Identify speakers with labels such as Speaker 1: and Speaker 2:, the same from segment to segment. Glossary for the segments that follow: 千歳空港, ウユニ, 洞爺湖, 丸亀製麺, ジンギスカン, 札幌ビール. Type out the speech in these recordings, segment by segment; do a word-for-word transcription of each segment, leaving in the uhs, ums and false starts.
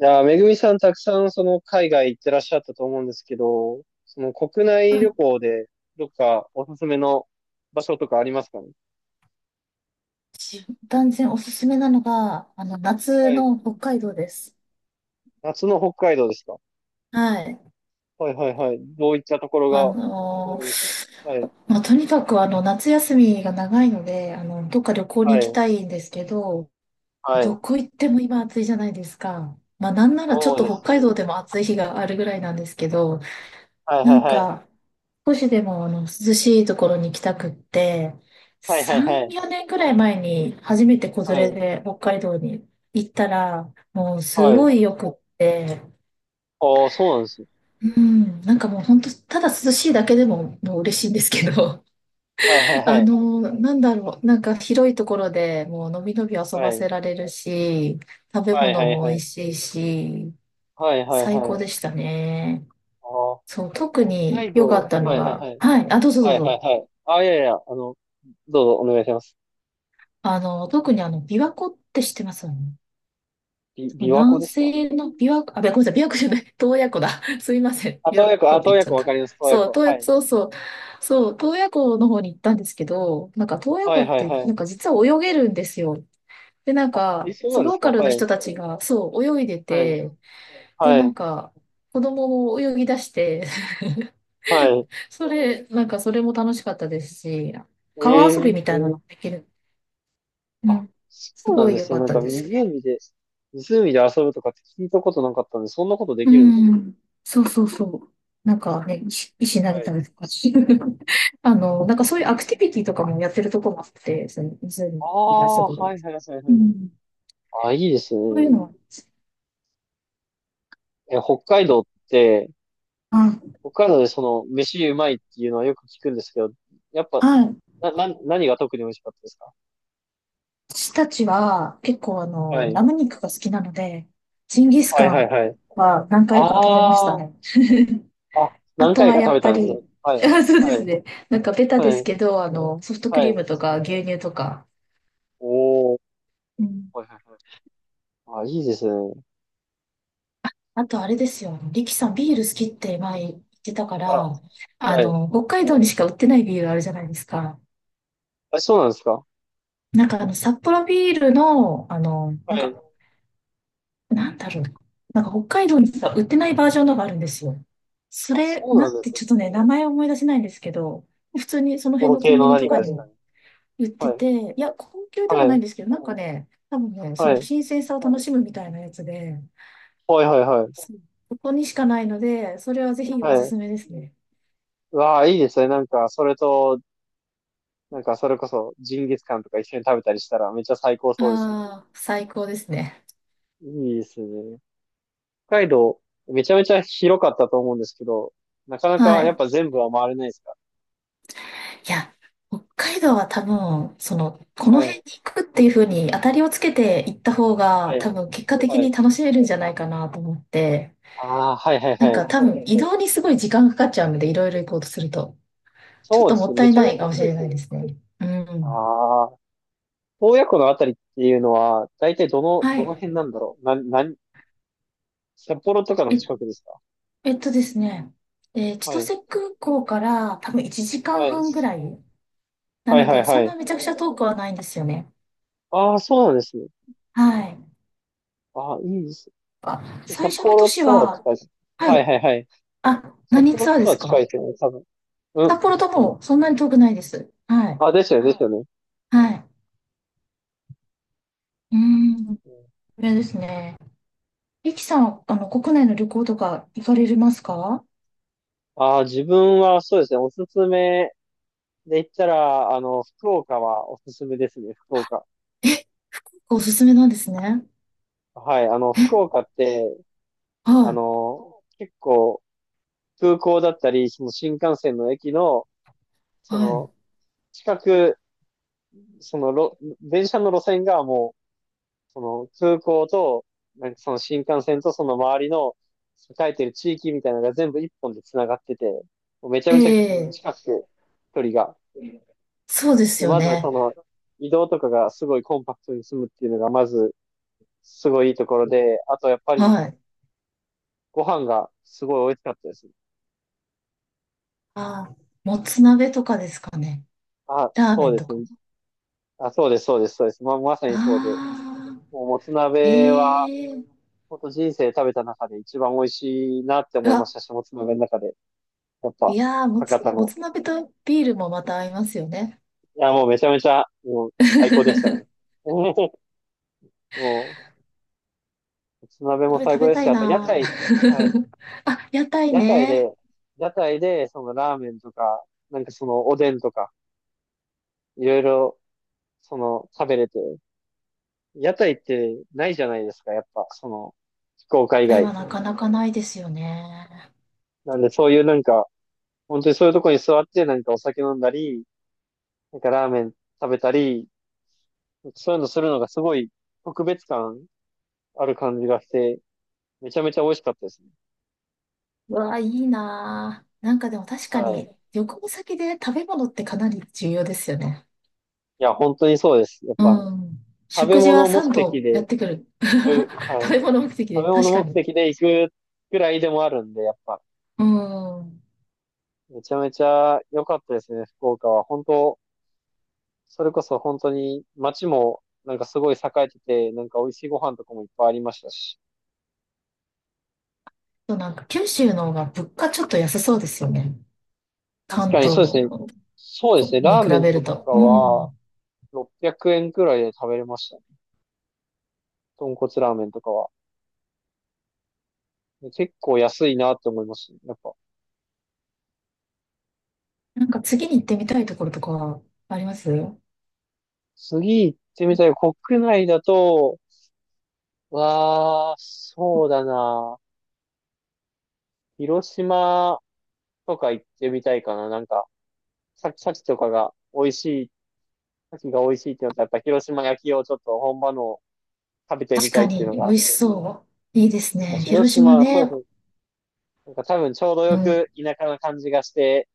Speaker 1: いやー、めぐみさんたくさんその海外行ってらっしゃったと思うんですけど、その国
Speaker 2: う
Speaker 1: 内旅
Speaker 2: ん。
Speaker 1: 行でどっかおすすめの場所とかありますかね。
Speaker 2: し断然おすすめなのが、あの、夏
Speaker 1: はい。
Speaker 2: の北海道です。
Speaker 1: 夏の北海道ですか。
Speaker 2: はい。
Speaker 1: はいはいはい。どういったところ
Speaker 2: あ
Speaker 1: がおすす
Speaker 2: の
Speaker 1: めです。
Speaker 2: ー
Speaker 1: はい。
Speaker 2: まあ、とにかくあの、夏休みが長いので、あの、どっか旅行に
Speaker 1: は
Speaker 2: 行き
Speaker 1: い。
Speaker 2: たいんですけど、
Speaker 1: は
Speaker 2: ど
Speaker 1: い。
Speaker 2: こ行っても今暑いじゃないですか。まあ、なんならちょっ
Speaker 1: そう
Speaker 2: と
Speaker 1: です
Speaker 2: 北海道
Speaker 1: ね。
Speaker 2: でも暑い日があるぐらいなんですけど、
Speaker 1: はい
Speaker 2: な
Speaker 1: は
Speaker 2: ん
Speaker 1: いはい。
Speaker 2: か、少しでもあの涼しいところに行きたくって、
Speaker 1: はいはいは
Speaker 2: さん、
Speaker 1: い。
Speaker 2: よねんくらい前に初めて子
Speaker 1: は
Speaker 2: 連
Speaker 1: い。
Speaker 2: れで北海道に行ったら、もうす
Speaker 1: はい。
Speaker 2: ごいよくって、
Speaker 1: ああ、そうなんですね。
Speaker 2: うん、なんかもう本当、ただ涼しいだけでももう嬉しいんですけど、
Speaker 1: はいはい は
Speaker 2: あ
Speaker 1: い。
Speaker 2: の、なんだろう、なんか広いところでもうのびのび遊
Speaker 1: は
Speaker 2: ば
Speaker 1: い。
Speaker 2: せられるし、食べ
Speaker 1: はいは
Speaker 2: 物
Speaker 1: い
Speaker 2: も
Speaker 1: は
Speaker 2: 美
Speaker 1: い。
Speaker 2: 味しいし、
Speaker 1: はいはい
Speaker 2: 最高
Speaker 1: は
Speaker 2: で
Speaker 1: い。
Speaker 2: したね。
Speaker 1: ああ、
Speaker 2: そう、特
Speaker 1: 北
Speaker 2: に
Speaker 1: 海
Speaker 2: 良かっ
Speaker 1: 道。
Speaker 2: たの
Speaker 1: はいはい
Speaker 2: が、
Speaker 1: はい。
Speaker 2: はい、あ、どうぞど
Speaker 1: は
Speaker 2: う
Speaker 1: いはい
Speaker 2: ぞ。
Speaker 1: はい。ああ、いやいや、あの、どうぞお願いします。
Speaker 2: あの、特にあの、琵琶湖って知ってますよね。
Speaker 1: び、琵琶湖
Speaker 2: 南
Speaker 1: ですか。
Speaker 2: 西の琵琶湖、あ、ごめんなさい、琵琶湖じゃない、洞爺湖だ。すいません、
Speaker 1: あ、
Speaker 2: 琵
Speaker 1: 洞
Speaker 2: 琶
Speaker 1: 爺湖、
Speaker 2: 湖
Speaker 1: あ、
Speaker 2: って
Speaker 1: 洞
Speaker 2: 言っ
Speaker 1: 爺
Speaker 2: ちゃ
Speaker 1: 湖
Speaker 2: っ
Speaker 1: わ
Speaker 2: た。
Speaker 1: かります、洞爺
Speaker 2: そう、
Speaker 1: 湖。
Speaker 2: 洞
Speaker 1: は
Speaker 2: 爺、
Speaker 1: い。
Speaker 2: そうそう、そう、洞爺湖の方に行ったんですけど、なんか洞爺
Speaker 1: は
Speaker 2: 湖
Speaker 1: い
Speaker 2: っ
Speaker 1: はい
Speaker 2: て、
Speaker 1: は
Speaker 2: なんか
Speaker 1: い。
Speaker 2: 実は泳げるんですよ。で、なん
Speaker 1: あ、え、
Speaker 2: か、
Speaker 1: そう
Speaker 2: そ
Speaker 1: な
Speaker 2: う
Speaker 1: んで
Speaker 2: ロ
Speaker 1: す
Speaker 2: ー
Speaker 1: か。
Speaker 2: カル
Speaker 1: は
Speaker 2: の
Speaker 1: い。
Speaker 2: 人たちが、そう、泳いで
Speaker 1: はい。
Speaker 2: て、で、
Speaker 1: は
Speaker 2: なん
Speaker 1: い。
Speaker 2: か、子供も泳ぎ出して、
Speaker 1: は い。
Speaker 2: それ、なんかそれも楽しかったですし、川遊び
Speaker 1: え
Speaker 2: み
Speaker 1: え。
Speaker 2: たいなのもできる。う
Speaker 1: あ、
Speaker 2: ん。
Speaker 1: そ
Speaker 2: す
Speaker 1: うな
Speaker 2: ご
Speaker 1: ん
Speaker 2: い
Speaker 1: で
Speaker 2: 良
Speaker 1: す
Speaker 2: か
Speaker 1: ね。
Speaker 2: っ
Speaker 1: なん
Speaker 2: た
Speaker 1: か
Speaker 2: です。
Speaker 1: 湖で、湖で遊ぶとかって聞いたことなかったんで、そんなことで
Speaker 2: う
Speaker 1: きるんですね。
Speaker 2: ん。そうそうそう。なんかね、石、石投
Speaker 1: は
Speaker 2: げた
Speaker 1: い。
Speaker 2: りとか。あの、なんかそういうアクティビティとかもやってるとこもあって、その湖
Speaker 1: あ
Speaker 2: で遊
Speaker 1: あ、
Speaker 2: ぶの
Speaker 1: は
Speaker 2: に。
Speaker 1: いはいはいはい
Speaker 2: う
Speaker 1: はい。
Speaker 2: ん。
Speaker 1: あ、いいです
Speaker 2: そうい
Speaker 1: ね。
Speaker 2: うのは、
Speaker 1: え、北海道って、
Speaker 2: あ、
Speaker 1: 北海道でその、飯うまいっていうのはよく聞くんですけど、やっぱ、
Speaker 2: あ、
Speaker 1: な、な、何が特に美味しかったですか。
Speaker 2: 私たちは結構あ
Speaker 1: は
Speaker 2: の、
Speaker 1: い。
Speaker 2: ラム肉が好きなので、ジンギス
Speaker 1: はい
Speaker 2: カ
Speaker 1: はい
Speaker 2: ン
Speaker 1: はい。
Speaker 2: は何回か食べました
Speaker 1: あ
Speaker 2: ね。
Speaker 1: あ、
Speaker 2: あ
Speaker 1: 何
Speaker 2: と
Speaker 1: 回
Speaker 2: は
Speaker 1: か
Speaker 2: や
Speaker 1: 食
Speaker 2: っ
Speaker 1: べ
Speaker 2: ぱ
Speaker 1: たんです
Speaker 2: り、
Speaker 1: よ。は い。
Speaker 2: そうで
Speaker 1: は
Speaker 2: す
Speaker 1: い。
Speaker 2: ね。なんかベタ
Speaker 1: は
Speaker 2: です
Speaker 1: い。
Speaker 2: けど、あの、ソフトク
Speaker 1: は
Speaker 2: リー
Speaker 1: い。
Speaker 2: ムとか牛乳とか。
Speaker 1: おー。はいはいはい。あ、いいですね。
Speaker 2: あとあれですよ。リキさん、ビール好きって前言ってたか
Speaker 1: あ、
Speaker 2: ら、あ、
Speaker 1: はい。
Speaker 2: の、北海道にしか売ってないビールあるじゃないですか。
Speaker 1: あ、そうなんですか。
Speaker 2: なんかあの、札幌ビールの、あの、なん
Speaker 1: は
Speaker 2: か、
Speaker 1: い。
Speaker 2: なんだろう。なんか北海道にしか売ってないバージョンのがあるんですよ。そ
Speaker 1: あ、
Speaker 2: れ、
Speaker 1: そう
Speaker 2: な
Speaker 1: な
Speaker 2: ん
Speaker 1: んで
Speaker 2: て
Speaker 1: すね。
Speaker 2: ちょっとね、名前を思い出せないんですけど、普通にその
Speaker 1: と
Speaker 2: 辺
Speaker 1: ろ
Speaker 2: のコ
Speaker 1: 系
Speaker 2: ンビ
Speaker 1: の
Speaker 2: ニ
Speaker 1: 何
Speaker 2: と
Speaker 1: か
Speaker 2: か
Speaker 1: で
Speaker 2: に
Speaker 1: すか
Speaker 2: も
Speaker 1: ね。
Speaker 2: 売って
Speaker 1: はい。
Speaker 2: て、いや、高級で
Speaker 1: は
Speaker 2: もないん
Speaker 1: い。
Speaker 2: ですけど、なんかね、多分ね、そ
Speaker 1: は
Speaker 2: の
Speaker 1: い。
Speaker 2: 新鮮さを楽しむみたいなやつで、
Speaker 1: はいはいはい。
Speaker 2: そうここにしかないので、それはぜひ
Speaker 1: は
Speaker 2: おす
Speaker 1: い。
Speaker 2: すめですね。
Speaker 1: うわあ、いいですね。なんか、それと、なんか、それこそ、ジンギスカンとか一緒に食べたりしたら、めっちゃ最高そうですね。
Speaker 2: ああ、最高ですね。
Speaker 1: いいですね。北海道、めちゃめちゃ広かったと思うんですけど、なかな
Speaker 2: は
Speaker 1: かやっ
Speaker 2: い。
Speaker 1: ぱ全部は回れないですか。
Speaker 2: いや、北海道は多分、その、この
Speaker 1: は
Speaker 2: 辺
Speaker 1: い。
Speaker 2: に行くっていうふうに当たりをつけて行った方が、
Speaker 1: はい。
Speaker 2: 多分結果的
Speaker 1: は
Speaker 2: に
Speaker 1: い。
Speaker 2: 楽しめるんじゃないかなと思って、
Speaker 1: ああ、はいはい
Speaker 2: なん
Speaker 1: はい。
Speaker 2: か多分移動にすごい時間かかっちゃうので、いろいろ行こうとすると、ちょっ
Speaker 1: そう
Speaker 2: と
Speaker 1: で
Speaker 2: も
Speaker 1: す
Speaker 2: っ
Speaker 1: ね。
Speaker 2: た
Speaker 1: め
Speaker 2: い
Speaker 1: ちゃ
Speaker 2: な
Speaker 1: めち
Speaker 2: い
Speaker 1: ゃ
Speaker 2: かもし
Speaker 1: 広い
Speaker 2: れ
Speaker 1: です
Speaker 2: な
Speaker 1: よ
Speaker 2: い
Speaker 1: ね。
Speaker 2: ですね。うん。
Speaker 1: ああ、洞爺湖のあたりっていうのは、大体どの、
Speaker 2: は
Speaker 1: どの辺な
Speaker 2: い。
Speaker 1: んだろう。な、なん、札幌とかの
Speaker 2: え、
Speaker 1: 近くですか。
Speaker 2: えっとですね、えー千
Speaker 1: はい。
Speaker 2: 歳空港から多分1時
Speaker 1: は
Speaker 2: 間
Speaker 1: い。
Speaker 2: 半ぐらいな
Speaker 1: はい
Speaker 2: の
Speaker 1: はい
Speaker 2: で、
Speaker 1: は
Speaker 2: そんなめ
Speaker 1: い。
Speaker 2: ちゃくちゃ遠くはないんですよね。
Speaker 1: ああ、そうなんですね。
Speaker 2: はい。
Speaker 1: ああ、いいです
Speaker 2: あ、
Speaker 1: ね。
Speaker 2: 最
Speaker 1: 札
Speaker 2: 初の都
Speaker 1: 幌
Speaker 2: 市
Speaker 1: とは
Speaker 2: は。
Speaker 1: 近いです。
Speaker 2: は
Speaker 1: はい
Speaker 2: い。
Speaker 1: はいはい。
Speaker 2: あ、
Speaker 1: 札
Speaker 2: 何
Speaker 1: 幌
Speaker 2: ツアーで
Speaker 1: と
Speaker 2: す
Speaker 1: は近い
Speaker 2: か？
Speaker 1: ですよね、多分。うん。
Speaker 2: 札幌ともそんなに遠くないです。はい。
Speaker 1: あ、ですよね、ですよね。
Speaker 2: はい。うーん。これですね。リキさん、あの、国内の旅行とか行かれますか？
Speaker 1: ああー、自分はそうですね、おすすめで言ったら、あの、福岡はおすすめですね、福岡。
Speaker 2: え、おすすめなんですね。
Speaker 1: はい、あの、福岡って、あ
Speaker 2: はい。
Speaker 1: の、結構、空港だったり、その新幹線の駅の、そ
Speaker 2: はい。
Speaker 1: の、近く、そのろ、電車の路線がもう、その空港と、なんかその新幹線とその周りの栄えてる地域みたいなのが全部一本で繋がってて、もうめちゃ
Speaker 2: え
Speaker 1: めちゃ
Speaker 2: え、
Speaker 1: 近くて、距離が。
Speaker 2: そうです
Speaker 1: で、
Speaker 2: よ
Speaker 1: まずはそ
Speaker 2: ね。
Speaker 1: の、移動とかがすごいコンパクトに済むっていうのが、まず、すごいいいところで、あとやっぱり、
Speaker 2: はい。
Speaker 1: ご飯がすごい美味しかったです。
Speaker 2: あー、もつ鍋とかですかね。
Speaker 1: あ、
Speaker 2: ラーメ
Speaker 1: そう
Speaker 2: ン
Speaker 1: で
Speaker 2: と
Speaker 1: す
Speaker 2: か。
Speaker 1: ね。あ、そうです、そうです、そうです。ま、まさにそうで。
Speaker 2: あ
Speaker 1: もう、もつ
Speaker 2: あ、
Speaker 1: 鍋は、
Speaker 2: ええ、
Speaker 1: 本当人生食べた中で一番美味しいなって
Speaker 2: う
Speaker 1: 思いまし
Speaker 2: わ、
Speaker 1: たし、もつ鍋の中で。やっ
Speaker 2: い
Speaker 1: ぱ、
Speaker 2: やー、もつ、
Speaker 1: 博多
Speaker 2: も
Speaker 1: の。
Speaker 2: つ鍋とビールもまた合いますよね。
Speaker 1: いや、もうめちゃめちゃ、もう、最高でしたね。もう、もつ鍋も
Speaker 2: 食べ
Speaker 1: 最
Speaker 2: 食
Speaker 1: 高
Speaker 2: べ
Speaker 1: です
Speaker 2: た
Speaker 1: し、
Speaker 2: い
Speaker 1: あと、屋
Speaker 2: な
Speaker 1: 台、はい。
Speaker 2: ぁ。あ、屋台
Speaker 1: 屋台
Speaker 2: ね。
Speaker 1: で、屋台で、その、ラーメンとか、なんかその、おでんとか、いろいろ、その、食べれて、屋台ってないじゃないですか、やっぱ、その、福岡
Speaker 2: 屋
Speaker 1: 以
Speaker 2: 台
Speaker 1: 外。
Speaker 2: はなかなかないですよね。
Speaker 1: なんで、そういうなんか、本当にそういうとこに座って何かお酒飲んだり、なんかラーメン食べたり、そういうのするのがすごい特別感ある感じがして、めちゃめちゃ美味しかったですね。
Speaker 2: うわあ、いいなぁ。なんかでも確
Speaker 1: は
Speaker 2: かに、
Speaker 1: い。
Speaker 2: 旅行先で食べ物ってかなり重要ですよね。
Speaker 1: いや、本当にそうです。やっ
Speaker 2: う
Speaker 1: ぱ、
Speaker 2: ん。
Speaker 1: 食べ
Speaker 2: 食事は
Speaker 1: 物目
Speaker 2: 3
Speaker 1: 的
Speaker 2: 度やっ
Speaker 1: で
Speaker 2: てくる。
Speaker 1: 行く、
Speaker 2: 食
Speaker 1: は
Speaker 2: べ
Speaker 1: い。
Speaker 2: 物目的
Speaker 1: 食
Speaker 2: で、
Speaker 1: べ物
Speaker 2: 確か
Speaker 1: 目
Speaker 2: に。
Speaker 1: 的で行くくらいでもあるんで、やっぱ、
Speaker 2: うん。
Speaker 1: めちゃめちゃ良かったですね、福岡は。本当、それこそ本当に街もなんかすごい栄えてて、なんか美味しいご飯とかもいっぱいありましたし。
Speaker 2: そう、なんか九州の方が物価ちょっと安そうですよね。
Speaker 1: 確
Speaker 2: 関
Speaker 1: かに
Speaker 2: 東
Speaker 1: そうですね。そうです
Speaker 2: こ
Speaker 1: ね。
Speaker 2: に
Speaker 1: ラー
Speaker 2: 比
Speaker 1: メン
Speaker 2: べる
Speaker 1: と
Speaker 2: と。
Speaker 1: か
Speaker 2: う
Speaker 1: は、
Speaker 2: ん。
Speaker 1: ろっぴゃくえんくえんくらいで食べれましたね。豚骨ラーメンとかは。結構安いなって思いますね。やっぱ。
Speaker 2: なんか次に行ってみたいところとかはあります？
Speaker 1: 次行ってみたい。国内だと、わあ、そうだな。広島とか行ってみたいかな。なんか、さ、さきとかが美味しい、さきが美味しいってなったら、やっぱ広島焼きをちょっと本場のを食べてみ
Speaker 2: 確
Speaker 1: た
Speaker 2: か
Speaker 1: いっていう
Speaker 2: に、
Speaker 1: の
Speaker 2: 美
Speaker 1: があっ
Speaker 2: 味し
Speaker 1: て。
Speaker 2: そう。いいです
Speaker 1: なんか
Speaker 2: ね。
Speaker 1: 広
Speaker 2: 広島
Speaker 1: 島、そう
Speaker 2: ね。
Speaker 1: ですね。なんか多分ちょうど
Speaker 2: う
Speaker 1: よ
Speaker 2: ん。
Speaker 1: く田舎な感じがして、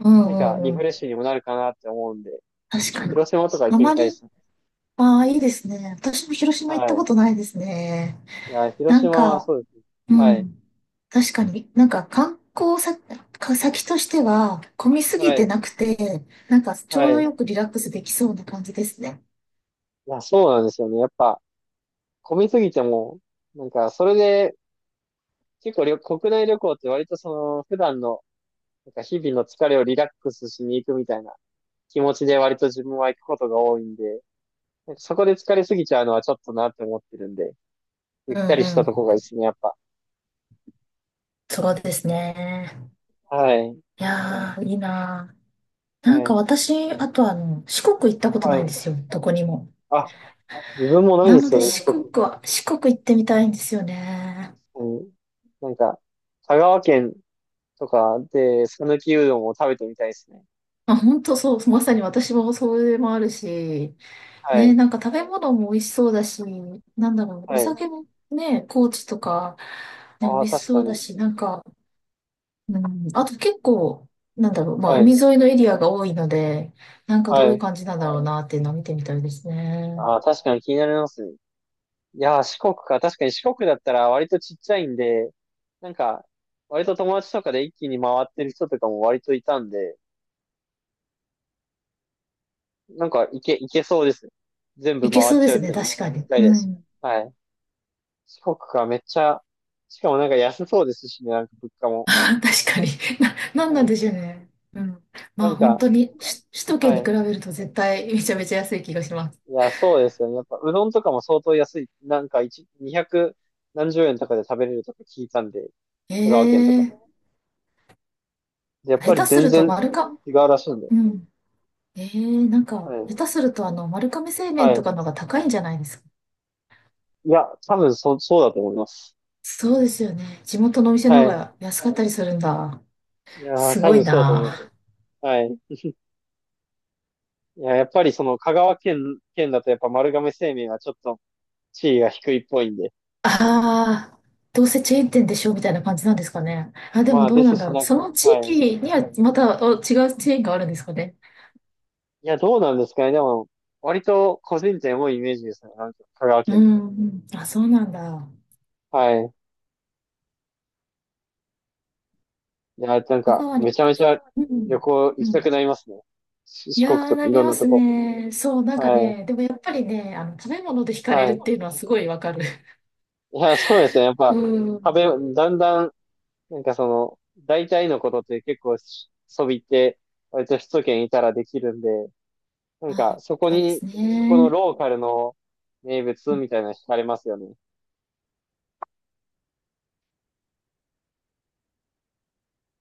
Speaker 2: う
Speaker 1: なん
Speaker 2: ん
Speaker 1: か、
Speaker 2: う
Speaker 1: リ
Speaker 2: んう
Speaker 1: フレッ
Speaker 2: ん。
Speaker 1: シュにもなるかなって思うんで、
Speaker 2: 確かに。
Speaker 1: 広島とか行っ
Speaker 2: あ
Speaker 1: てみ
Speaker 2: ま
Speaker 1: たいで
Speaker 2: り、
Speaker 1: すね。
Speaker 2: ああ、いいですね。私も広島行った
Speaker 1: は
Speaker 2: こと
Speaker 1: い。
Speaker 2: ないですね。
Speaker 1: いや、広
Speaker 2: なん
Speaker 1: 島、
Speaker 2: か、
Speaker 1: そうですね。
Speaker 2: う
Speaker 1: はい。
Speaker 2: ん。確かに、なんか観光先、か先としては、混みすぎ
Speaker 1: は
Speaker 2: て
Speaker 1: い。
Speaker 2: なくて、なんかちょ
Speaker 1: は
Speaker 2: うど
Speaker 1: い。
Speaker 2: よ
Speaker 1: い
Speaker 2: くリラックスできそうな感じですね。
Speaker 1: や、そうなんですよね。やっぱ、混みすぎても、なんか、それで、結構旅、国内旅行って割とその、普段の、なんか日々の疲れをリラックスしに行くみたいな気持ちで割と自分は行くことが多いんで、なんかそこで疲れすぎちゃうのはちょっとなって思ってるんで、ゆっ
Speaker 2: う
Speaker 1: た
Speaker 2: ん
Speaker 1: りし
Speaker 2: う
Speaker 1: たとこ
Speaker 2: ん。
Speaker 1: がいいですね、やっぱ。
Speaker 2: そうですね。
Speaker 1: はい。
Speaker 2: いやー、いいなー。なん
Speaker 1: は
Speaker 2: か
Speaker 1: い。
Speaker 2: 私、あとあの、四国行ったこと
Speaker 1: は
Speaker 2: ないんです
Speaker 1: い。
Speaker 2: よ。どこにも。
Speaker 1: あ、自分もないん
Speaker 2: な
Speaker 1: で
Speaker 2: の
Speaker 1: す
Speaker 2: で
Speaker 1: よね、四
Speaker 2: 四国
Speaker 1: 国。
Speaker 2: は、四国行ってみたいんですよね。
Speaker 1: うん。なんか、香川県とかで、讃岐うどんを食べてみたいですね。
Speaker 2: あ、本当そう、まさに私もそれもあるし、
Speaker 1: は
Speaker 2: ね、
Speaker 1: い。
Speaker 2: なんか食べ物も美味しそうだし、なんだろう、お
Speaker 1: はい。
Speaker 2: 酒もね、高知とか、ね、美
Speaker 1: ああ、
Speaker 2: 味し
Speaker 1: 確
Speaker 2: そ
Speaker 1: か
Speaker 2: うだ
Speaker 1: に。
Speaker 2: し、なんか、うん、あと結構、なんだろう、まあ、
Speaker 1: は
Speaker 2: 海
Speaker 1: い。
Speaker 2: 沿いのエリアが多いので、なんかどうい
Speaker 1: は
Speaker 2: う
Speaker 1: い。
Speaker 2: 感じなんだろうなっていうのを見てみたいですね。
Speaker 1: ああ、確かに気になりますね。いやー、四国か。確かに四国だったら割とちっちゃいんで、なんか、割と友達とかで一気に回ってる人とかも割といたんで、なんか、いけ、いけそうですね。全
Speaker 2: い
Speaker 1: 部
Speaker 2: け
Speaker 1: 回
Speaker 2: そ
Speaker 1: っ
Speaker 2: うで
Speaker 1: ちゃう
Speaker 2: す
Speaker 1: っ
Speaker 2: ね、
Speaker 1: て一
Speaker 2: 確か
Speaker 1: 一
Speaker 2: に。
Speaker 1: 回
Speaker 2: う
Speaker 1: です。
Speaker 2: ん。
Speaker 1: はい。四国か、めっちゃ、しかもなんか安そうですしね、なんか物価も。
Speaker 2: 確かに。な、な
Speaker 1: う
Speaker 2: んなんでし
Speaker 1: ん。
Speaker 2: ょうね。うん。ま
Speaker 1: な
Speaker 2: あ
Speaker 1: ん
Speaker 2: 本
Speaker 1: か、
Speaker 2: 当に、し首都圏
Speaker 1: は
Speaker 2: に比
Speaker 1: い。
Speaker 2: べると絶対 めちゃめちゃ安い気がします。
Speaker 1: いや、そうですよね。やっぱ、うどんとかも相当安い。なんか、一、にひゃく何十円とかで食べれるとか聞いたんで、
Speaker 2: え
Speaker 1: 香川県と
Speaker 2: え
Speaker 1: か。
Speaker 2: ー、
Speaker 1: でやっ
Speaker 2: 下
Speaker 1: ぱり
Speaker 2: 手す
Speaker 1: 全
Speaker 2: ると
Speaker 1: 然
Speaker 2: 丸か、
Speaker 1: 違うらしいんで。
Speaker 2: うん。ええー、なん
Speaker 1: は
Speaker 2: か、下手
Speaker 1: い。
Speaker 2: するとあの、丸亀製麺
Speaker 1: は
Speaker 2: と
Speaker 1: い。
Speaker 2: かの方が高いんじゃないですか。
Speaker 1: いや、多分そ、そうだと思います。
Speaker 2: そうですよね。地元のお店の方
Speaker 1: はい。
Speaker 2: が安かったりするんだ。
Speaker 1: いやー、
Speaker 2: す
Speaker 1: 多
Speaker 2: ごい
Speaker 1: 分そうだと思いますよ。
Speaker 2: な。
Speaker 1: はい。いや、やっぱりその、香川県、県だとやっぱ丸亀製麺はちょっと地位が低いっぽいんで。
Speaker 2: ああ、どうせチェーン店でしょみたいな感じなんですかね。あ、で
Speaker 1: ま
Speaker 2: も
Speaker 1: あ、
Speaker 2: どう
Speaker 1: で
Speaker 2: な
Speaker 1: す
Speaker 2: んだ
Speaker 1: し
Speaker 2: ろう。
Speaker 1: な、
Speaker 2: その地
Speaker 1: は
Speaker 2: 域
Speaker 1: い。
Speaker 2: にはまたお違うチェーンがあるんですかね。
Speaker 1: いや、どうなんですかね。でも、割と個人店多いイメージですね。なんか香川
Speaker 2: う
Speaker 1: 県だと。
Speaker 2: ん、うん。あ、そうなんだ。
Speaker 1: はい。いや、なん
Speaker 2: 香
Speaker 1: か、
Speaker 2: 川に、
Speaker 1: めちゃめちゃ
Speaker 2: う
Speaker 1: 旅
Speaker 2: ん、
Speaker 1: 行行
Speaker 2: う
Speaker 1: きたく
Speaker 2: ん。
Speaker 1: なりますね。し
Speaker 2: い
Speaker 1: 四国
Speaker 2: やー、
Speaker 1: と
Speaker 2: な
Speaker 1: かい
Speaker 2: り
Speaker 1: ろん
Speaker 2: ま
Speaker 1: な
Speaker 2: す
Speaker 1: とこ。
Speaker 2: ね。そう、なんか
Speaker 1: はい。
Speaker 2: ね、でもやっぱりね、あの、食べ物で惹かれ
Speaker 1: は
Speaker 2: るっ
Speaker 1: い。
Speaker 2: ていうのはすごいわかる。
Speaker 1: いや、そうですね。やっ
Speaker 2: う
Speaker 1: ぱ、食
Speaker 2: ん。
Speaker 1: べ、だんだん、なんかその、大体のことって結構し、そびって、割と首都圏いたらできるんで、な んか、
Speaker 2: あ、
Speaker 1: そこ
Speaker 2: そうで
Speaker 1: に、
Speaker 2: す
Speaker 1: そこの
Speaker 2: ね。
Speaker 1: ローカルの名物みたいなの惹かれますよね。